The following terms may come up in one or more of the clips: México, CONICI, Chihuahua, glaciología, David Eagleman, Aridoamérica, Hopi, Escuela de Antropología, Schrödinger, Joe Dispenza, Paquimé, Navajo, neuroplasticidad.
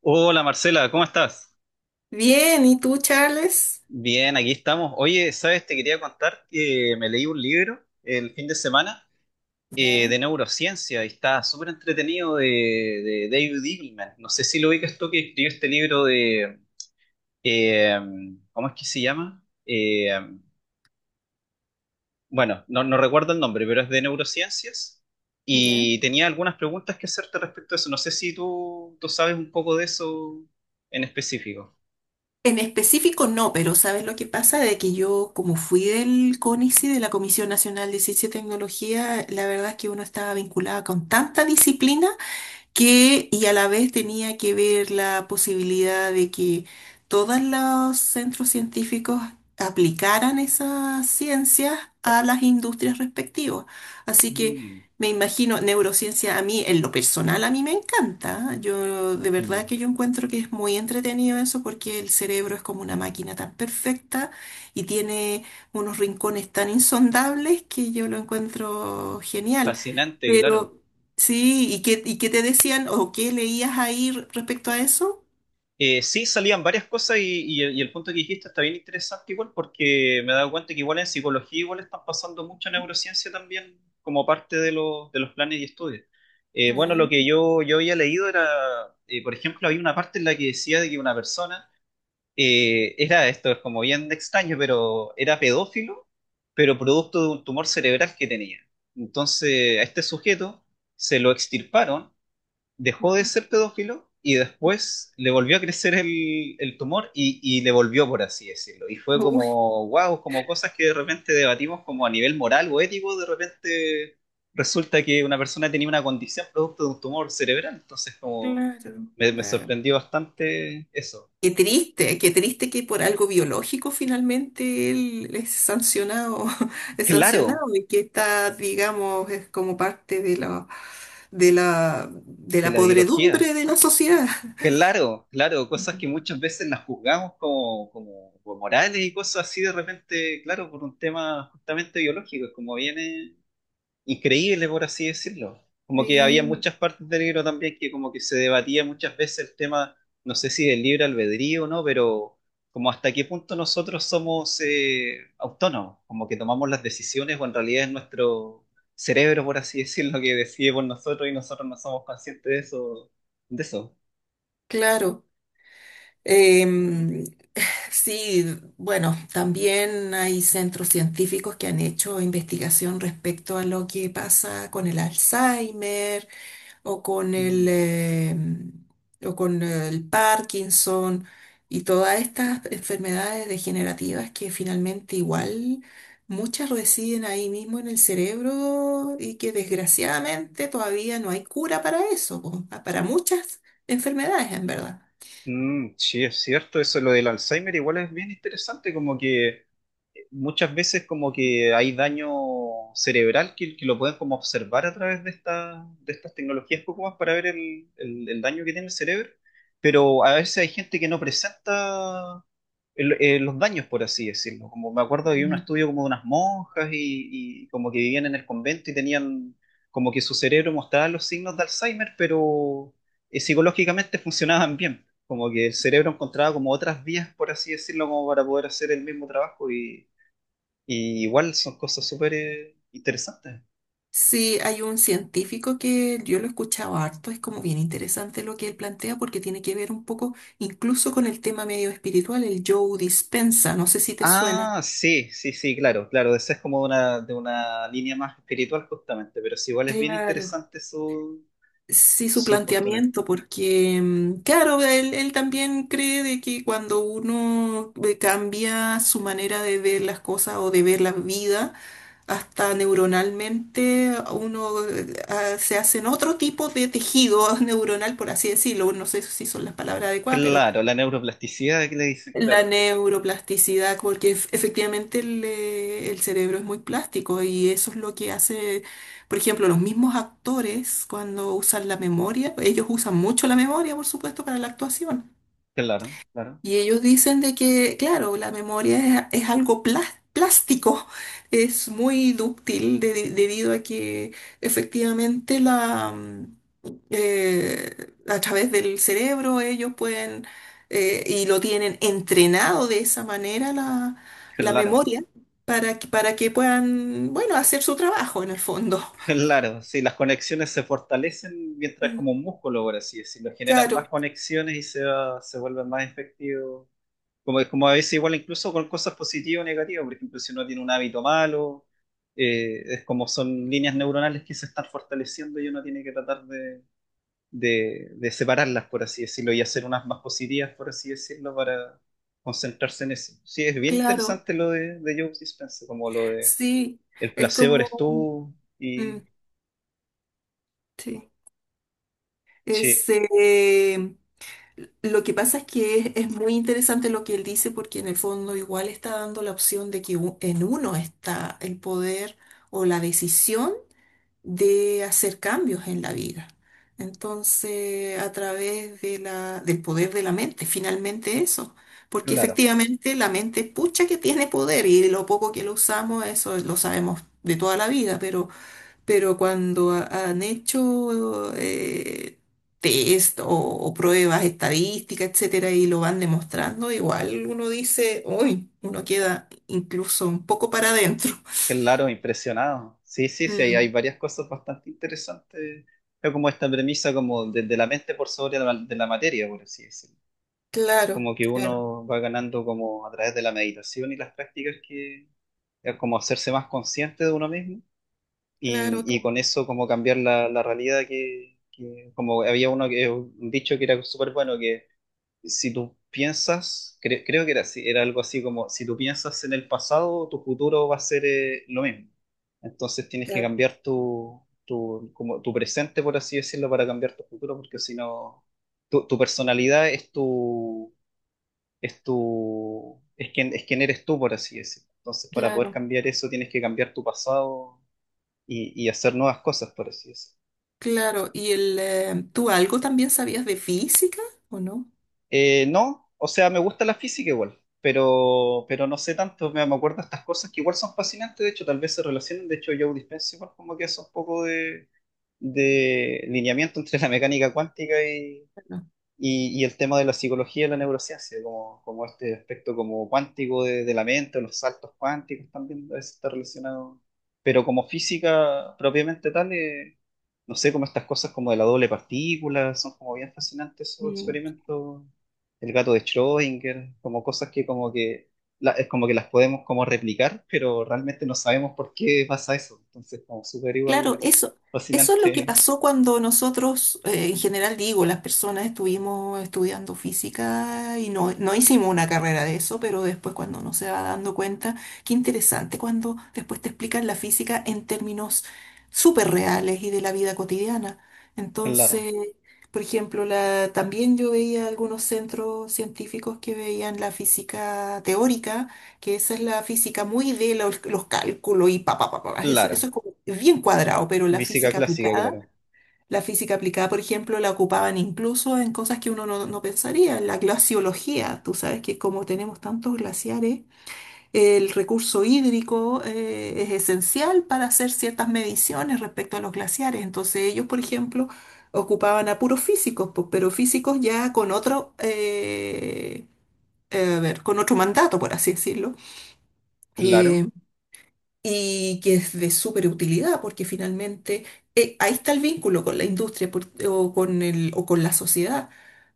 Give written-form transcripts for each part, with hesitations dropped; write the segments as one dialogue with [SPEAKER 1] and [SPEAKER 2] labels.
[SPEAKER 1] Hola Marcela, ¿cómo estás?
[SPEAKER 2] Bien, ¿y tú, Charles?
[SPEAKER 1] Bien, aquí estamos. Oye, ¿sabes? Te quería contar que me leí un libro el fin de semana
[SPEAKER 2] Ya,
[SPEAKER 1] de neurociencia y está súper entretenido de David Eagleman. No sé si lo ubicas tú que escribió este libro de... eh, ¿cómo es que se llama? Bueno, no, no recuerdo el nombre, pero es de neurociencias
[SPEAKER 2] ya.
[SPEAKER 1] y tenía algunas preguntas que hacerte respecto a eso. No sé si tú sabes un poco de eso en específico.
[SPEAKER 2] En específico no, pero ¿sabes lo que pasa? De que yo, como fui del CONICI, de la Comisión Nacional de Ciencia y Tecnología, la verdad es que uno estaba vinculado con tanta disciplina que y a la vez tenía que ver la posibilidad de que todos los centros científicos aplicaran esas ciencias a las industrias respectivas. Así que
[SPEAKER 1] Mm,
[SPEAKER 2] me imagino, neurociencia a mí, en lo personal, a mí me encanta. Yo de
[SPEAKER 1] mm.
[SPEAKER 2] verdad que yo encuentro que es muy entretenido eso porque el cerebro es como una máquina tan perfecta y tiene unos rincones tan insondables que yo lo encuentro genial.
[SPEAKER 1] Fascinante,
[SPEAKER 2] Pero
[SPEAKER 1] claro.
[SPEAKER 2] sí, ¿y qué te decían o qué leías ahí respecto a eso?
[SPEAKER 1] Sí, salían varias cosas y, y el punto que dijiste está bien interesante igual porque me he dado cuenta que igual en psicología igual están pasando mucha neurociencia también como parte de los planes y estudios. Bueno, lo
[SPEAKER 2] Ah,
[SPEAKER 1] que yo había leído era, por ejemplo, había una parte en la que decía de que una persona era, esto es como bien extraño, pero era pedófilo, pero producto de un tumor cerebral que tenía. Entonces, a este sujeto se lo extirparon, dejó de
[SPEAKER 2] ya.
[SPEAKER 1] ser pedófilo y después le volvió a crecer el tumor y le volvió, por así decirlo. Y fue
[SPEAKER 2] Uy,
[SPEAKER 1] como wow, como cosas que de repente debatimos como a nivel moral o ético, de repente resulta que una persona tenía una condición producto de un tumor cerebral. Entonces, como
[SPEAKER 2] claro.
[SPEAKER 1] me
[SPEAKER 2] Ah,
[SPEAKER 1] sorprendió bastante eso.
[SPEAKER 2] qué triste que por algo biológico finalmente él es sancionado, es
[SPEAKER 1] Claro,
[SPEAKER 2] sancionado y que está, digamos, es como parte de de
[SPEAKER 1] de
[SPEAKER 2] la
[SPEAKER 1] la
[SPEAKER 2] podredumbre
[SPEAKER 1] biología.
[SPEAKER 2] de la sociedad.
[SPEAKER 1] Claro, claro, cosas
[SPEAKER 2] Ujú.
[SPEAKER 1] que muchas veces las juzgamos como, como, como morales y cosas así de repente, claro, por un tema justamente biológico, es como viene increíble, por así decirlo. Como que había
[SPEAKER 2] Sí,
[SPEAKER 1] muchas partes del libro también que como que se debatía muchas veces el tema, no sé si del libre albedrío o no, pero como hasta qué punto nosotros somos autónomos, como que tomamos las decisiones o en realidad es nuestro cerebro, por así decirlo, que decide por nosotros y nosotros no somos conscientes de eso, de eso.
[SPEAKER 2] claro. Em, Sí, bueno, también hay centros científicos que han hecho investigación respecto a lo que pasa con el Alzheimer o con
[SPEAKER 1] Mm.
[SPEAKER 2] o con el Parkinson y todas estas enfermedades degenerativas que finalmente igual muchas residen ahí mismo en el cerebro y que desgraciadamente todavía no hay cura para eso, po, para muchas enfermedades en verdad.
[SPEAKER 1] Mm, sí, es cierto, eso lo del Alzheimer igual es bien interesante, como que muchas veces como que hay daño cerebral que lo pueden como observar a través de, de estas tecnologías poco más para ver el, el daño que tiene el cerebro, pero a veces hay gente que no presenta los daños, por así decirlo. Como me acuerdo que había un estudio como de unas monjas y como que vivían en el convento y tenían como que su cerebro mostraba los signos de Alzheimer, pero psicológicamente funcionaban bien. Como que el cerebro encontraba como otras vías, por así decirlo, como para poder hacer el mismo trabajo y igual son cosas súper interesantes.
[SPEAKER 2] Sí, hay un científico que yo lo he escuchado harto, es como bien interesante lo que él plantea porque tiene que ver un poco incluso con el tema medio espiritual, el Joe Dispensa, no sé si te suena.
[SPEAKER 1] Ah, sí, sí, sí, claro, claro. Esa es como una, de una línea más espiritual justamente, pero sí, igual es bien
[SPEAKER 2] Claro.
[SPEAKER 1] interesante su,
[SPEAKER 2] Sí, su
[SPEAKER 1] su postura.
[SPEAKER 2] planteamiento, porque mm, claro, él también cree de que cuando uno cambia su manera de ver las cosas o de ver la vida, hasta neuronalmente uno se hacen otro tipo de tejido neuronal, por así decirlo. No sé si son las palabras adecuadas, pero
[SPEAKER 1] Claro, la neuroplasticidad que le dicen,
[SPEAKER 2] la
[SPEAKER 1] claro,
[SPEAKER 2] neuroplasticidad, porque efectivamente el cerebro es muy plástico y eso es lo que hace, por ejemplo, los mismos actores cuando usan la memoria, ellos usan mucho la memoria, por supuesto, para la actuación.
[SPEAKER 1] claro, claro,
[SPEAKER 2] Y ellos dicen de que, claro, la memoria es algo plástico, es muy dúctil debido a que efectivamente la, a través del cerebro ellos pueden, y lo tienen entrenado de esa manera la, la
[SPEAKER 1] claro,
[SPEAKER 2] memoria para que puedan, bueno, hacer su trabajo en el fondo.
[SPEAKER 1] claro. Sí, las conexiones se fortalecen mientras es
[SPEAKER 2] Mm,
[SPEAKER 1] como un músculo, por así decirlo, generan
[SPEAKER 2] claro,
[SPEAKER 1] más conexiones y se vuelven más efectivos como, es como a veces igual incluso con cosas positivas o negativas, por ejemplo, si uno tiene un hábito malo, es como son líneas neuronales que se están fortaleciendo y uno tiene que tratar de, de separarlas, por así decirlo, y hacer unas más positivas, por así decirlo, para concentrarse en eso. Sí, es bien
[SPEAKER 2] claro,
[SPEAKER 1] interesante lo de Joe Dispenza, como lo de
[SPEAKER 2] sí,
[SPEAKER 1] el
[SPEAKER 2] es
[SPEAKER 1] placebo
[SPEAKER 2] como,
[SPEAKER 1] eres tú
[SPEAKER 2] mm,
[SPEAKER 1] y,
[SPEAKER 2] sí, es...
[SPEAKER 1] sí,
[SPEAKER 2] eh, lo que pasa es que es muy interesante lo que él dice porque en el fondo igual está dando la opción de que en uno está el poder o la decisión de hacer cambios en la vida. Entonces, a través de del poder de la mente, finalmente eso. Porque
[SPEAKER 1] claro.
[SPEAKER 2] efectivamente la mente, pucha que tiene poder y lo poco que lo usamos, eso lo sabemos de toda la vida, pero cuando han hecho test o pruebas estadísticas, etcétera, y lo van demostrando, igual uno dice, uy, uno queda incluso un poco para adentro.
[SPEAKER 1] Claro, impresionado. Sí, sí, sí, hay
[SPEAKER 2] Mm,
[SPEAKER 1] varias cosas bastante interesantes. Es como esta premisa como desde la mente por sobre la, de la materia, por así decirlo. Es
[SPEAKER 2] claro,
[SPEAKER 1] como que
[SPEAKER 2] claro,
[SPEAKER 1] uno va ganando como a través de la meditación y las prácticas que es como hacerse más consciente de uno mismo
[SPEAKER 2] claro,
[SPEAKER 1] y
[SPEAKER 2] tú,
[SPEAKER 1] con eso como cambiar la, la realidad que como había uno que un dicho que era súper bueno que si tú piensas, creo que era así, era algo así como, si tú piensas en el pasado, tu futuro va a ser lo mismo. Entonces tienes que
[SPEAKER 2] claro,
[SPEAKER 1] cambiar tu, tu, como tu presente, por así decirlo, para cambiar tu futuro, porque si no, tu personalidad es tu, es tu, es quien eres tú, por así decirlo. Entonces, para poder
[SPEAKER 2] claro,
[SPEAKER 1] cambiar eso, tienes que cambiar tu pasado y hacer nuevas cosas, por así decirlo.
[SPEAKER 2] claro. ¿Y el, tú algo también sabías de física o no?
[SPEAKER 1] No, o sea, me gusta la física igual, pero no sé tanto, me acuerdo de estas cosas que igual son fascinantes, de hecho, tal vez se relacionan, de hecho, Joe Dispenza igual como que hace un poco de lineamiento entre la mecánica cuántica
[SPEAKER 2] No.
[SPEAKER 1] y el tema de la psicología y la neurociencia, como, como este aspecto como cuántico de la mente, o los saltos cuánticos también a veces está relacionado. Pero como física propiamente tal, no sé, como estas cosas como de la doble partícula, son como bien fascinantes esos
[SPEAKER 2] Mm,
[SPEAKER 1] experimentos, el gato de Schrödinger, como cosas que como que, es como que las podemos como replicar, pero realmente no sabemos por qué pasa eso. Entonces, como súper igual
[SPEAKER 2] claro, eso es lo que
[SPEAKER 1] fascinante,
[SPEAKER 2] pasó cuando nosotros, en general digo, las personas estuvimos estudiando física y no, no hicimos una carrera de eso, pero después cuando uno se va dando cuenta, qué interesante cuando después te explican la física en términos súper reales y de la vida cotidiana. Entonces,
[SPEAKER 1] claro.
[SPEAKER 2] por ejemplo, la, también yo veía algunos centros científicos que veían la física teórica que esa es la física muy de los cálculos y pa, pa, pa, pa, eso
[SPEAKER 1] Claro,
[SPEAKER 2] es como bien cuadrado, pero
[SPEAKER 1] física clásica, claro.
[SPEAKER 2] la física aplicada, por ejemplo, la ocupaban incluso en cosas que uno no, no pensaría, en la glaciología, tú sabes que como tenemos tantos glaciares, el recurso hídrico es esencial para hacer ciertas mediciones respecto a los glaciares, entonces ellos, por ejemplo, ocupaban a puros físicos, pues, pero físicos ya con otro, a ver, con otro mandato, por así decirlo.
[SPEAKER 1] Claro,
[SPEAKER 2] Em, y que es de súper utilidad porque finalmente ahí está el vínculo con la industria o con el, o con la sociedad.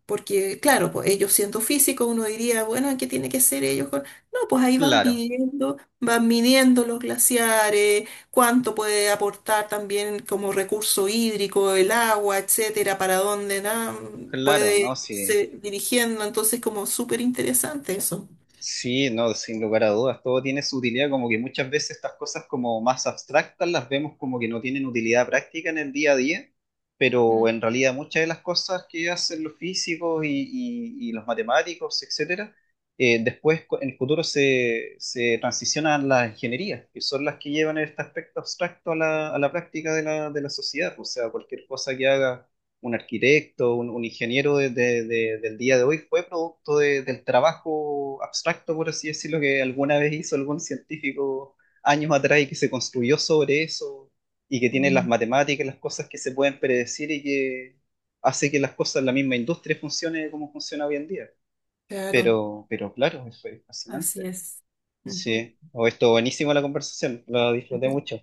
[SPEAKER 2] Porque, claro, pues ellos siendo físicos, uno diría, bueno, ¿qué tiene que ser ellos con...? No, pues ahí
[SPEAKER 1] claro,
[SPEAKER 2] van midiendo los glaciares, cuánto puede aportar también como recurso hídrico, el agua, etcétera, para dónde na,
[SPEAKER 1] claro, no,
[SPEAKER 2] puede
[SPEAKER 1] sí,
[SPEAKER 2] irse dirigiendo. Entonces, como súper interesante eso.
[SPEAKER 1] sí, no, sin lugar a dudas, todo tiene su utilidad, como que muchas veces estas cosas como más abstractas las vemos como que no tienen utilidad práctica en el día a día, pero en realidad muchas de las cosas que hacen los físicos y, y los matemáticos, etcétera, después en el futuro se, se transicionan a las ingenierías, que son las que llevan este aspecto abstracto a la práctica de la sociedad, o sea, cualquier cosa que haga un arquitecto, un ingeniero del día de hoy fue producto del trabajo abstracto, por así decirlo, que alguna vez hizo algún científico años atrás y que se construyó sobre eso y que tiene las matemáticas, las cosas que se pueden predecir y que hace que las cosas, la misma industria funcione como funciona hoy en día.
[SPEAKER 2] Claro,
[SPEAKER 1] Pero claro, eso es
[SPEAKER 2] así
[SPEAKER 1] fascinante.
[SPEAKER 2] es. Ujú,
[SPEAKER 1] Sí, o esto buenísima la conversación, la disfruté
[SPEAKER 2] ujú.
[SPEAKER 1] mucho.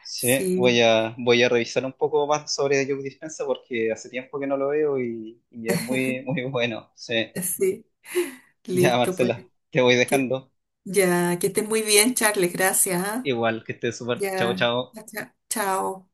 [SPEAKER 1] Sí, voy
[SPEAKER 2] Sí.
[SPEAKER 1] a, voy a revisar un poco más sobre Joe Dispensa porque hace tiempo que no lo veo y es muy, muy bueno. Sí,
[SPEAKER 2] Sí,
[SPEAKER 1] ya
[SPEAKER 2] listo, pues
[SPEAKER 1] Marcela, te voy
[SPEAKER 2] que,
[SPEAKER 1] dejando.
[SPEAKER 2] ya que estés muy bien, Charles, gracias. ¿Ah?
[SPEAKER 1] Igual que estés súper. Chao,
[SPEAKER 2] Ya,
[SPEAKER 1] chao.
[SPEAKER 2] ya, chao.